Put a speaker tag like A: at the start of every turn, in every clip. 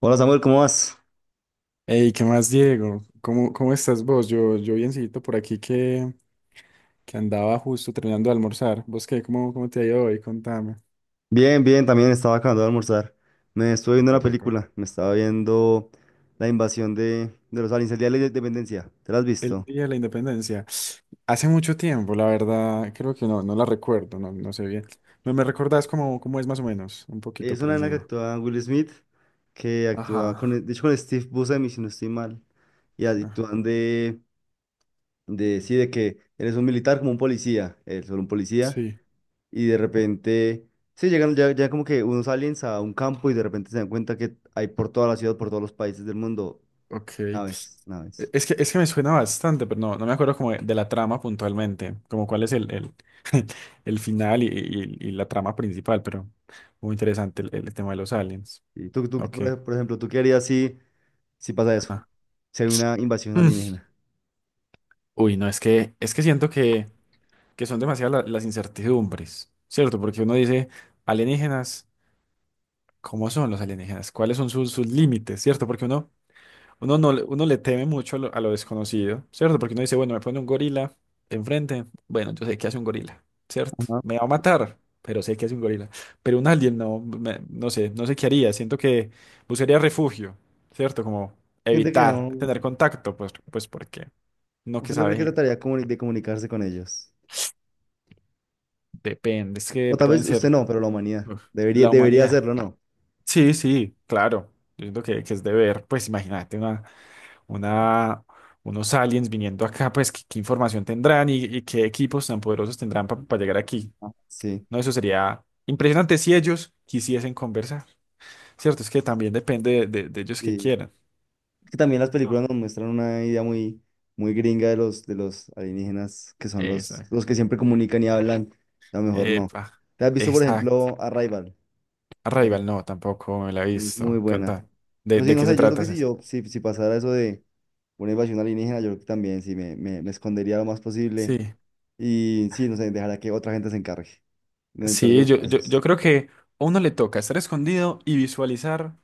A: Hola Samuel, ¿cómo vas?
B: Hey, ¿qué más, Diego? ¿Cómo estás vos? Yo biencito por aquí que andaba justo terminando de almorzar. ¿Vos qué? ¿Cómo te ha ido hoy? Contame.
A: Bien, bien, también estaba acabando de almorzar. Me estuve
B: Ah,
A: viendo
B: qué
A: una
B: rico.
A: película, me estaba viendo la invasión de los aliens, el Día de la Independencia. ¿Te la has
B: El
A: visto?
B: Día de la Independencia. Hace mucho tiempo, la verdad, creo que no, no la recuerdo, no, no sé bien. ¿Me recordás cómo es más o menos? Un poquito
A: Es
B: por
A: una en la que
B: encima.
A: actúa Will Smith, que actúa
B: Ajá.
A: con, de hecho, con Steve Buscemi, si no estoy mal. Y
B: Ajá.
A: actúan de, sí, de que eres un militar como un policía, él solo un policía,
B: Sí.
A: y de repente, sí, llegan ya, ya como que unos aliens a un campo y de repente se dan cuenta que hay por toda la ciudad, por todos los países del mundo,
B: Ok.
A: naves.
B: Es que me suena bastante, pero no, no me acuerdo como de la trama puntualmente, como cuál es el final y, y la trama principal, pero muy interesante el tema de los aliens.
A: Y tú,
B: Ok.
A: por ejemplo, ¿tú qué harías si, si pasa eso?
B: Ajá.
A: Si hay una invasión
B: Mm.
A: alienígena.
B: Uy, no, es que siento que son demasiadas las incertidumbres, ¿cierto? Porque uno dice, alienígenas, ¿cómo son los alienígenas? ¿Cuáles son sus límites? ¿Cierto? Porque uno. Uno, no, uno le teme mucho a lo, desconocido, ¿cierto? Porque uno dice, bueno, me pone un gorila enfrente, bueno, yo sé qué hace un gorila, ¿cierto?
A: Ajá.
B: Me va a matar, pero sé qué hace un gorila. Pero un alien no, no sé, qué haría, siento que buscaría refugio, ¿cierto? Como
A: Siente que
B: evitar
A: no.
B: tener contacto, pues porque no que
A: ¿Usted no cree que
B: sabe,
A: de comunicarse con ellos?
B: depende, es que
A: O tal
B: pueden
A: vez usted
B: ser
A: no, pero la humanidad.
B: uf, la
A: Debería
B: humanidad.
A: hacerlo, ¿no?
B: Sí, sí, claro, yo siento que es deber, pues imagínate una, unos aliens viniendo acá, pues qué información tendrán y qué equipos tan poderosos tendrán para llegar aquí.
A: Ah, sí.
B: No, eso sería impresionante si ellos quisiesen conversar. Cierto, es que también depende de, de ellos que
A: Sí.
B: quieran.
A: Es que también las películas
B: No.
A: nos muestran una idea muy, muy gringa de de los alienígenas, que son
B: Esa.
A: los que siempre comunican y hablan. A lo mejor no.
B: Epa.
A: ¿Te has visto, por
B: Exacto.
A: ejemplo, Arrival? La
B: Arrival
A: película
B: no, tampoco me la he
A: es muy
B: visto. ¿Qué
A: buena.
B: onda? ¿De,
A: Pero sí,
B: de
A: no
B: qué se
A: sé, yo creo
B: trata
A: que si
B: ese?
A: yo, si, si pasara eso de una invasión alienígena, yo creo que también sí me escondería lo más posible
B: Sí.
A: y sí, no sé, dejaría que otra gente se encargue, en el peor de
B: Sí,
A: los
B: yo
A: casos.
B: creo que a uno le toca estar escondido y visualizar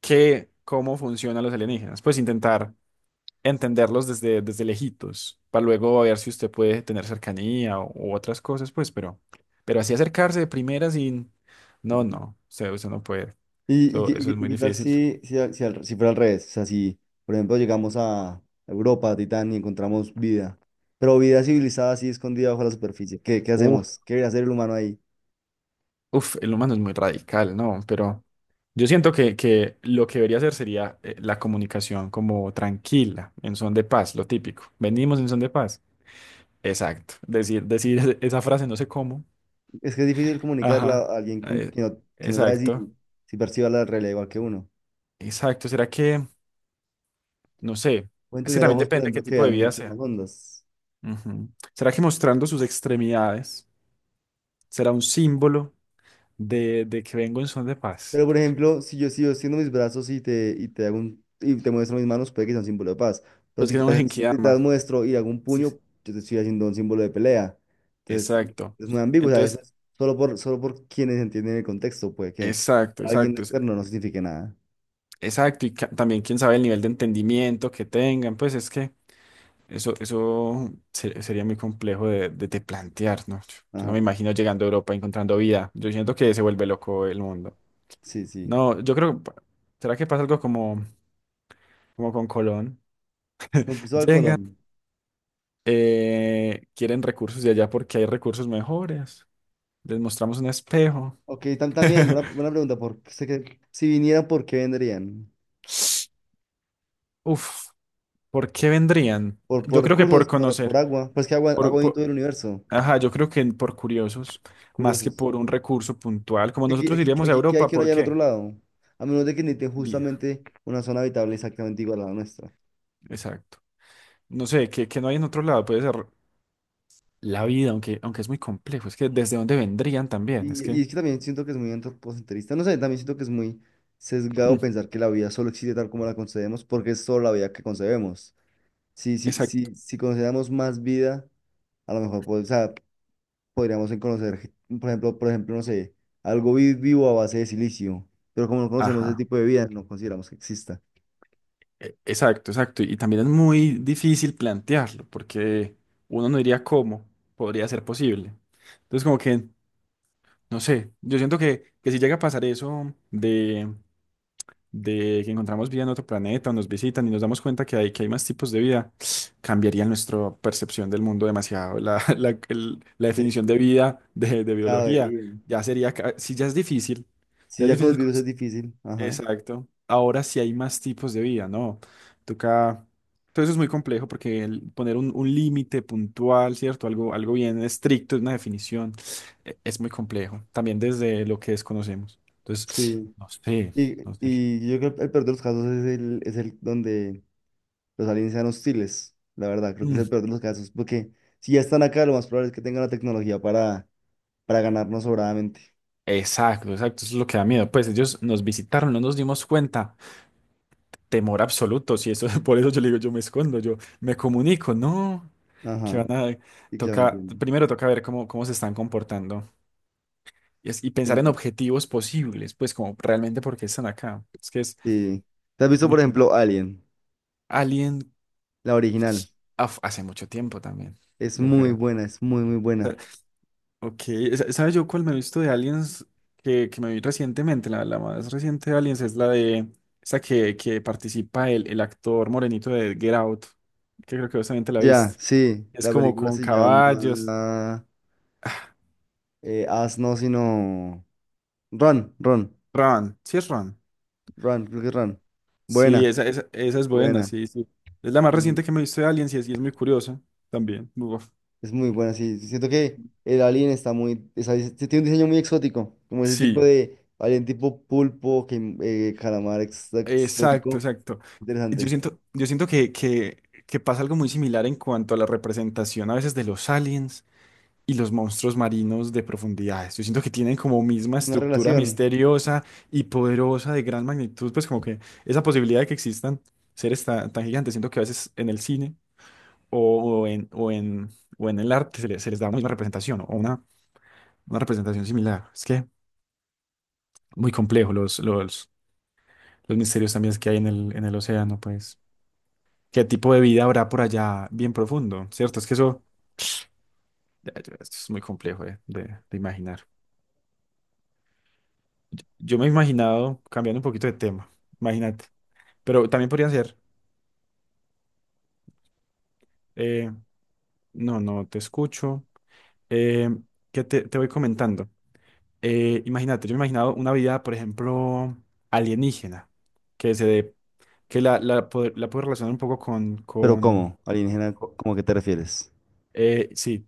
B: cómo funcionan los alienígenas. Pues intentar entenderlos desde lejitos, para luego ver si usted puede tener cercanía u otras cosas, pues, pero así acercarse de primera sin... No,
A: Ujú.
B: no, usted no puede.
A: Y, qué
B: Eso, eso es muy
A: tal
B: difícil.
A: si, si fuera al revés? O sea, si, por ejemplo, llegamos a Europa, a Titán, y encontramos vida, pero vida civilizada así escondida bajo la superficie, ¿qué, qué
B: Uf,
A: hacemos? ¿Qué debería hacer el humano ahí?
B: uf, el humano es muy radical, ¿no? Pero yo siento que lo que debería hacer sería la comunicación como tranquila, en son de paz, lo típico. Venimos en son de paz. Exacto. Decir esa frase, no sé cómo.
A: Es que es difícil comunicarla
B: Ajá.
A: a alguien con,
B: eh,
A: que no sabe
B: exacto.
A: si, si percibe la realidad igual que uno.
B: Exacto. ¿Será que... No sé,
A: Pueden
B: es que
A: tener
B: también
A: ojos, por
B: depende qué
A: ejemplo, que
B: tipo de
A: vean
B: vida
A: muchas más
B: sea.
A: ondas.
B: Ujú. ¿Será que mostrando sus extremidades será un símbolo de que vengo en son de paz?
A: Pero, por ejemplo, si yo sigo extiendo mis brazos y y te hago y te muestro mis manos, puede que sea un símbolo de paz. Pero
B: Pues que no me
A: si te las
B: Genkidama.
A: muestro y hago un
B: Sí, sí.
A: puño, yo te estoy haciendo un símbolo de pelea. Entonces,
B: Exacto.
A: es muy ambiguo. O sea, eso
B: Entonces,
A: es solo por, solo por quienes entienden el contexto. Puede que
B: exacto,
A: para alguien
B: exacto,
A: externo no signifique nada.
B: exacto. Y también quién sabe el nivel de entendimiento que tengan, pues es que eso sería muy complejo de plantear, ¿no? Yo no
A: Ajá,
B: me imagino llegando a Europa encontrando vida. Yo siento que se vuelve loco el mundo.
A: sí, sí.
B: No, yo creo, ¿será que pasa algo como con Colón?
A: Con Cristóbal
B: Llegan,
A: Colón.
B: quieren recursos de allá porque hay recursos mejores. Les mostramos un espejo.
A: Ok, tam- también, una buena pregunta. Por, sé que si vinieran, ¿por qué vendrían?
B: Uf, ¿por qué vendrían? Yo
A: Por
B: creo que por
A: recursos? Por
B: conocer,
A: agua? Pues que agua,
B: por,
A: agua en todo
B: por-
A: el universo.
B: ajá, yo creo que por curiosos, más que
A: Curiosos.
B: por un recurso puntual. Como nosotros iríamos a
A: Aquí, ¿qué hay
B: Europa,
A: que ir
B: ¿por
A: allá en otro
B: qué?
A: lado? A menos de que necesiten
B: Vida,
A: justamente una zona habitable exactamente igual a la nuestra.
B: exacto. No sé, que no hay en otro lado, puede ser la vida, aunque es muy complejo. Es que desde dónde vendrían también, es
A: Y
B: que,
A: es que también siento que es muy antropocentrista. No sé, también siento que es muy sesgado
B: mm,
A: pensar que la vida solo existe tal como la concebemos, porque es solo la vida que concebemos.
B: exacto,
A: Si consideramos más vida, a lo mejor pues, o sea, podríamos en conocer, ge- por ejemplo, no sé, algo vi- vivo a base de silicio. Pero como no conocemos ese
B: ajá.
A: tipo de vida, no consideramos que exista.
B: Exacto, exacto. Y también es muy difícil plantearlo, porque uno no diría cómo podría ser posible. Entonces, como que, no sé, yo siento que si llega a pasar eso de que encontramos vida en otro planeta o nos visitan y nos damos cuenta que hay más tipos de vida, cambiaría nuestra percepción del mundo demasiado. La
A: Sí,
B: definición de
A: sí,
B: vida de
A: claro, de
B: biología
A: vida.
B: ya sería, si ya es difícil,
A: Sí,
B: ya es
A: ya con los
B: difícil
A: virus es difícil. Ajá.
B: Exacto. Ahora sí hay más tipos de vida, ¿no? Toca. Todo eso es muy complejo porque el poner un límite puntual, ¿cierto? Algo bien estricto, una definición, es muy complejo. También desde lo que desconocemos. Entonces,
A: Sí.
B: no sé, no sé.
A: Y yo creo que el peor de los casos es es el donde los aliens sean hostiles. La verdad, creo que es el
B: Mm,
A: peor de los casos. Porque si ya están acá, lo más probable es que tengan la tecnología para ganarnos sobradamente.
B: Exacto, exacto. Eso es lo que da miedo. Pues ellos nos visitaron, no nos dimos cuenta. Temor absoluto. Si eso, por eso yo le digo, yo me escondo, yo me comunico. No, que
A: Ajá.
B: van a.
A: Sí, claro,
B: Toca,
A: entiendo.
B: primero toca ver cómo se están comportando. Y pensar en
A: Y-
B: objetivos posibles, pues como realmente por qué están acá. Es que es,
A: sí. ¿Te has
B: es
A: visto,
B: muy
A: por
B: complejo.
A: ejemplo, Alien?
B: Alien
A: La original.
B: hace mucho tiempo también,
A: Es
B: yo
A: muy
B: creo.
A: buena, es muy, muy buena.
B: Sa- Ok, ¿sabes yo cuál me he visto de Aliens que me vi recientemente? La más reciente de Aliens es la de esa que participa el actor morenito de Get Out, que creo que vos también te la
A: Ya,
B: viste.
A: sí.
B: Es
A: La
B: como
A: película
B: con
A: se
B: caballos.
A: llama.
B: Ah,
A: As no, sino. Run, Run,
B: Ron, sí es Ron.
A: Run, creo que es Run.
B: Sí,
A: Buena.
B: esa es buena,
A: Buena,
B: sí, sí. Es la más reciente
A: mm,
B: que me he visto de Aliens y es muy curiosa también. Uf.
A: es muy buena, sí. Siento que el alien está muy, o sea, es- tiene un diseño muy exótico, como ese tipo
B: Sí,
A: de alien tipo pulpo, que, calamar ex-
B: exacto,
A: exótico.
B: exacto. Yo
A: Interesante.
B: siento, yo siento que pasa algo muy similar en cuanto a la representación a veces de los aliens y los monstruos marinos de profundidades. Yo siento que tienen como misma
A: Una
B: estructura
A: relación.
B: misteriosa y poderosa de gran magnitud, pues como que esa posibilidad de que existan seres tan, tan gigantes, siento que a veces en el cine o, o en, o en, o en el arte se les da una misma representación o una representación similar. Es que muy complejo los misterios también que hay en el océano, pues. ¿Qué tipo de vida habrá por allá bien profundo? ¿Cierto? Es que ya, ya, esto es muy complejo de imaginar. Yo me he imaginado, cambiando un poquito de tema, imagínate. Pero también podría ser, eh, no, no, te escucho. Eh, ¿qué te voy comentando? Imagínate, yo me he imaginado una vida, por ejemplo, alienígena, que se dé, que la puedo relacionar un poco con,
A: Pero
B: con.
A: ¿cómo? Alienígena, ¿cómo a qué te refieres?
B: Sí,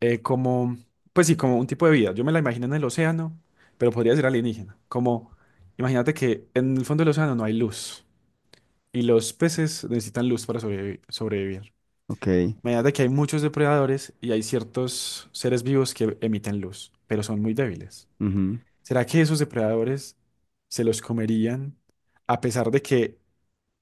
B: como, pues sí, como un tipo de vida. Yo me la imagino en el océano, pero podría ser alienígena. Como, imagínate que en el fondo del océano no hay luz y los peces necesitan luz para sobrevivir.
A: Ok.
B: Imagínate que hay muchos depredadores y hay ciertos seres vivos que emiten luz, pero son muy débiles.
A: Ujú.
B: ¿Será que esos depredadores se los comerían a pesar de que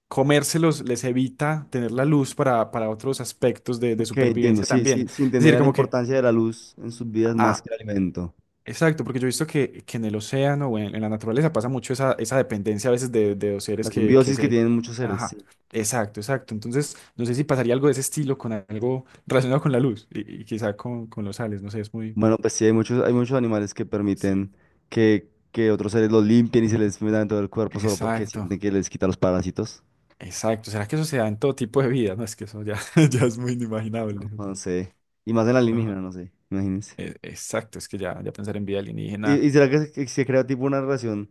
B: comérselos les evita tener la luz para otros aspectos de
A: Ok, entiendo.
B: supervivencia
A: Sí,
B: también?
A: sí
B: Es decir,
A: entenderán la
B: como que...
A: importancia de la luz en sus vidas más
B: ah,
A: que el alimento.
B: Exacto, porque yo he visto que en el océano o en la naturaleza pasa mucho esa dependencia a veces de dos seres
A: La
B: que
A: simbiosis que
B: se...
A: tienen muchos seres.
B: Ajá, exacto, exacto. Entonces, no sé si pasaría algo de ese estilo con algo relacionado con la luz y quizá con los sales, no sé, es muy...
A: Bueno, pues sí, hay muchos animales que
B: Sí.
A: permiten que otros seres los limpien y se les metan en todo el cuerpo solo porque
B: Exacto,
A: sienten que les quita los parásitos.
B: exacto. ¿Será que eso se da en todo tipo de vida? No, es que eso ya, ya es muy inimaginable.
A: No sé. Y más en la alienígena,
B: Ajá.
A: no sé, imagínense.
B: Exacto, es que ya, ya pensar en vida alienígena.
A: Y será que se crea tipo una relación?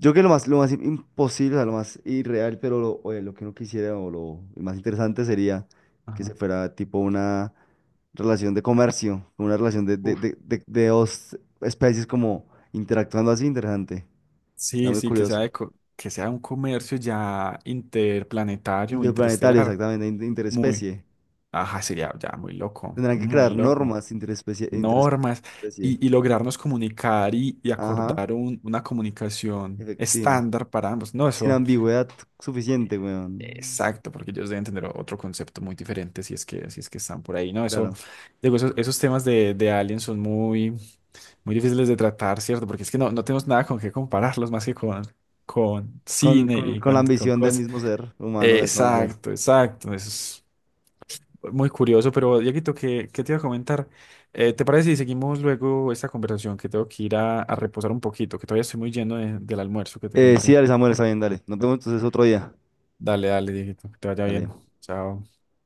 A: Yo creo que lo más imposible, o sea, lo más irreal, pero lo, oye, lo que no quisiera o lo más interesante sería que se
B: Ajá.
A: fuera tipo una relación de comercio, una relación
B: Uf.
A: de dos especies como interactuando así, interesante. Está
B: Sí,
A: muy
B: sí, que sea,
A: curioso.
B: que sea un comercio ya interplanetario o
A: Interplanetario,
B: interestelar.
A: exactamente, in-
B: Muy,
A: interespecie.
B: ajá, sería ya muy loco,
A: Tendrán que crear
B: muy loco.
A: normas
B: Normas
A: interespecie.
B: y lograrnos comunicar y
A: Ajá,
B: acordar una comunicación
A: efectiva.
B: estándar para ambos. No,
A: Sin
B: eso,
A: ambigüedad suficiente, weón.
B: exacto, porque ellos deben tener otro concepto muy diferente si es que están por ahí. No, eso,
A: Claro.
B: digo, esos temas de aliens son muy, muy difíciles de tratar, ¿cierto? Porque es que no tenemos nada con qué compararlos más que con
A: Con,
B: cine y
A: con la
B: con
A: ambición del
B: cosas.
A: mismo ser humano de conocer.
B: Exacto, exacto. Eso es. Muy curioso, pero Dieguito, ¿qué te iba a comentar? ¿Te parece si seguimos luego esta conversación? Que tengo que ir a reposar un poquito, que todavía estoy muy lleno del almuerzo que te
A: Sí,
B: conté.
A: dale, Samuel, está bien, dale. Nos vemos entonces otro día.
B: Dale, dale, Dieguito, que te vaya
A: Dale.
B: bien. Chao.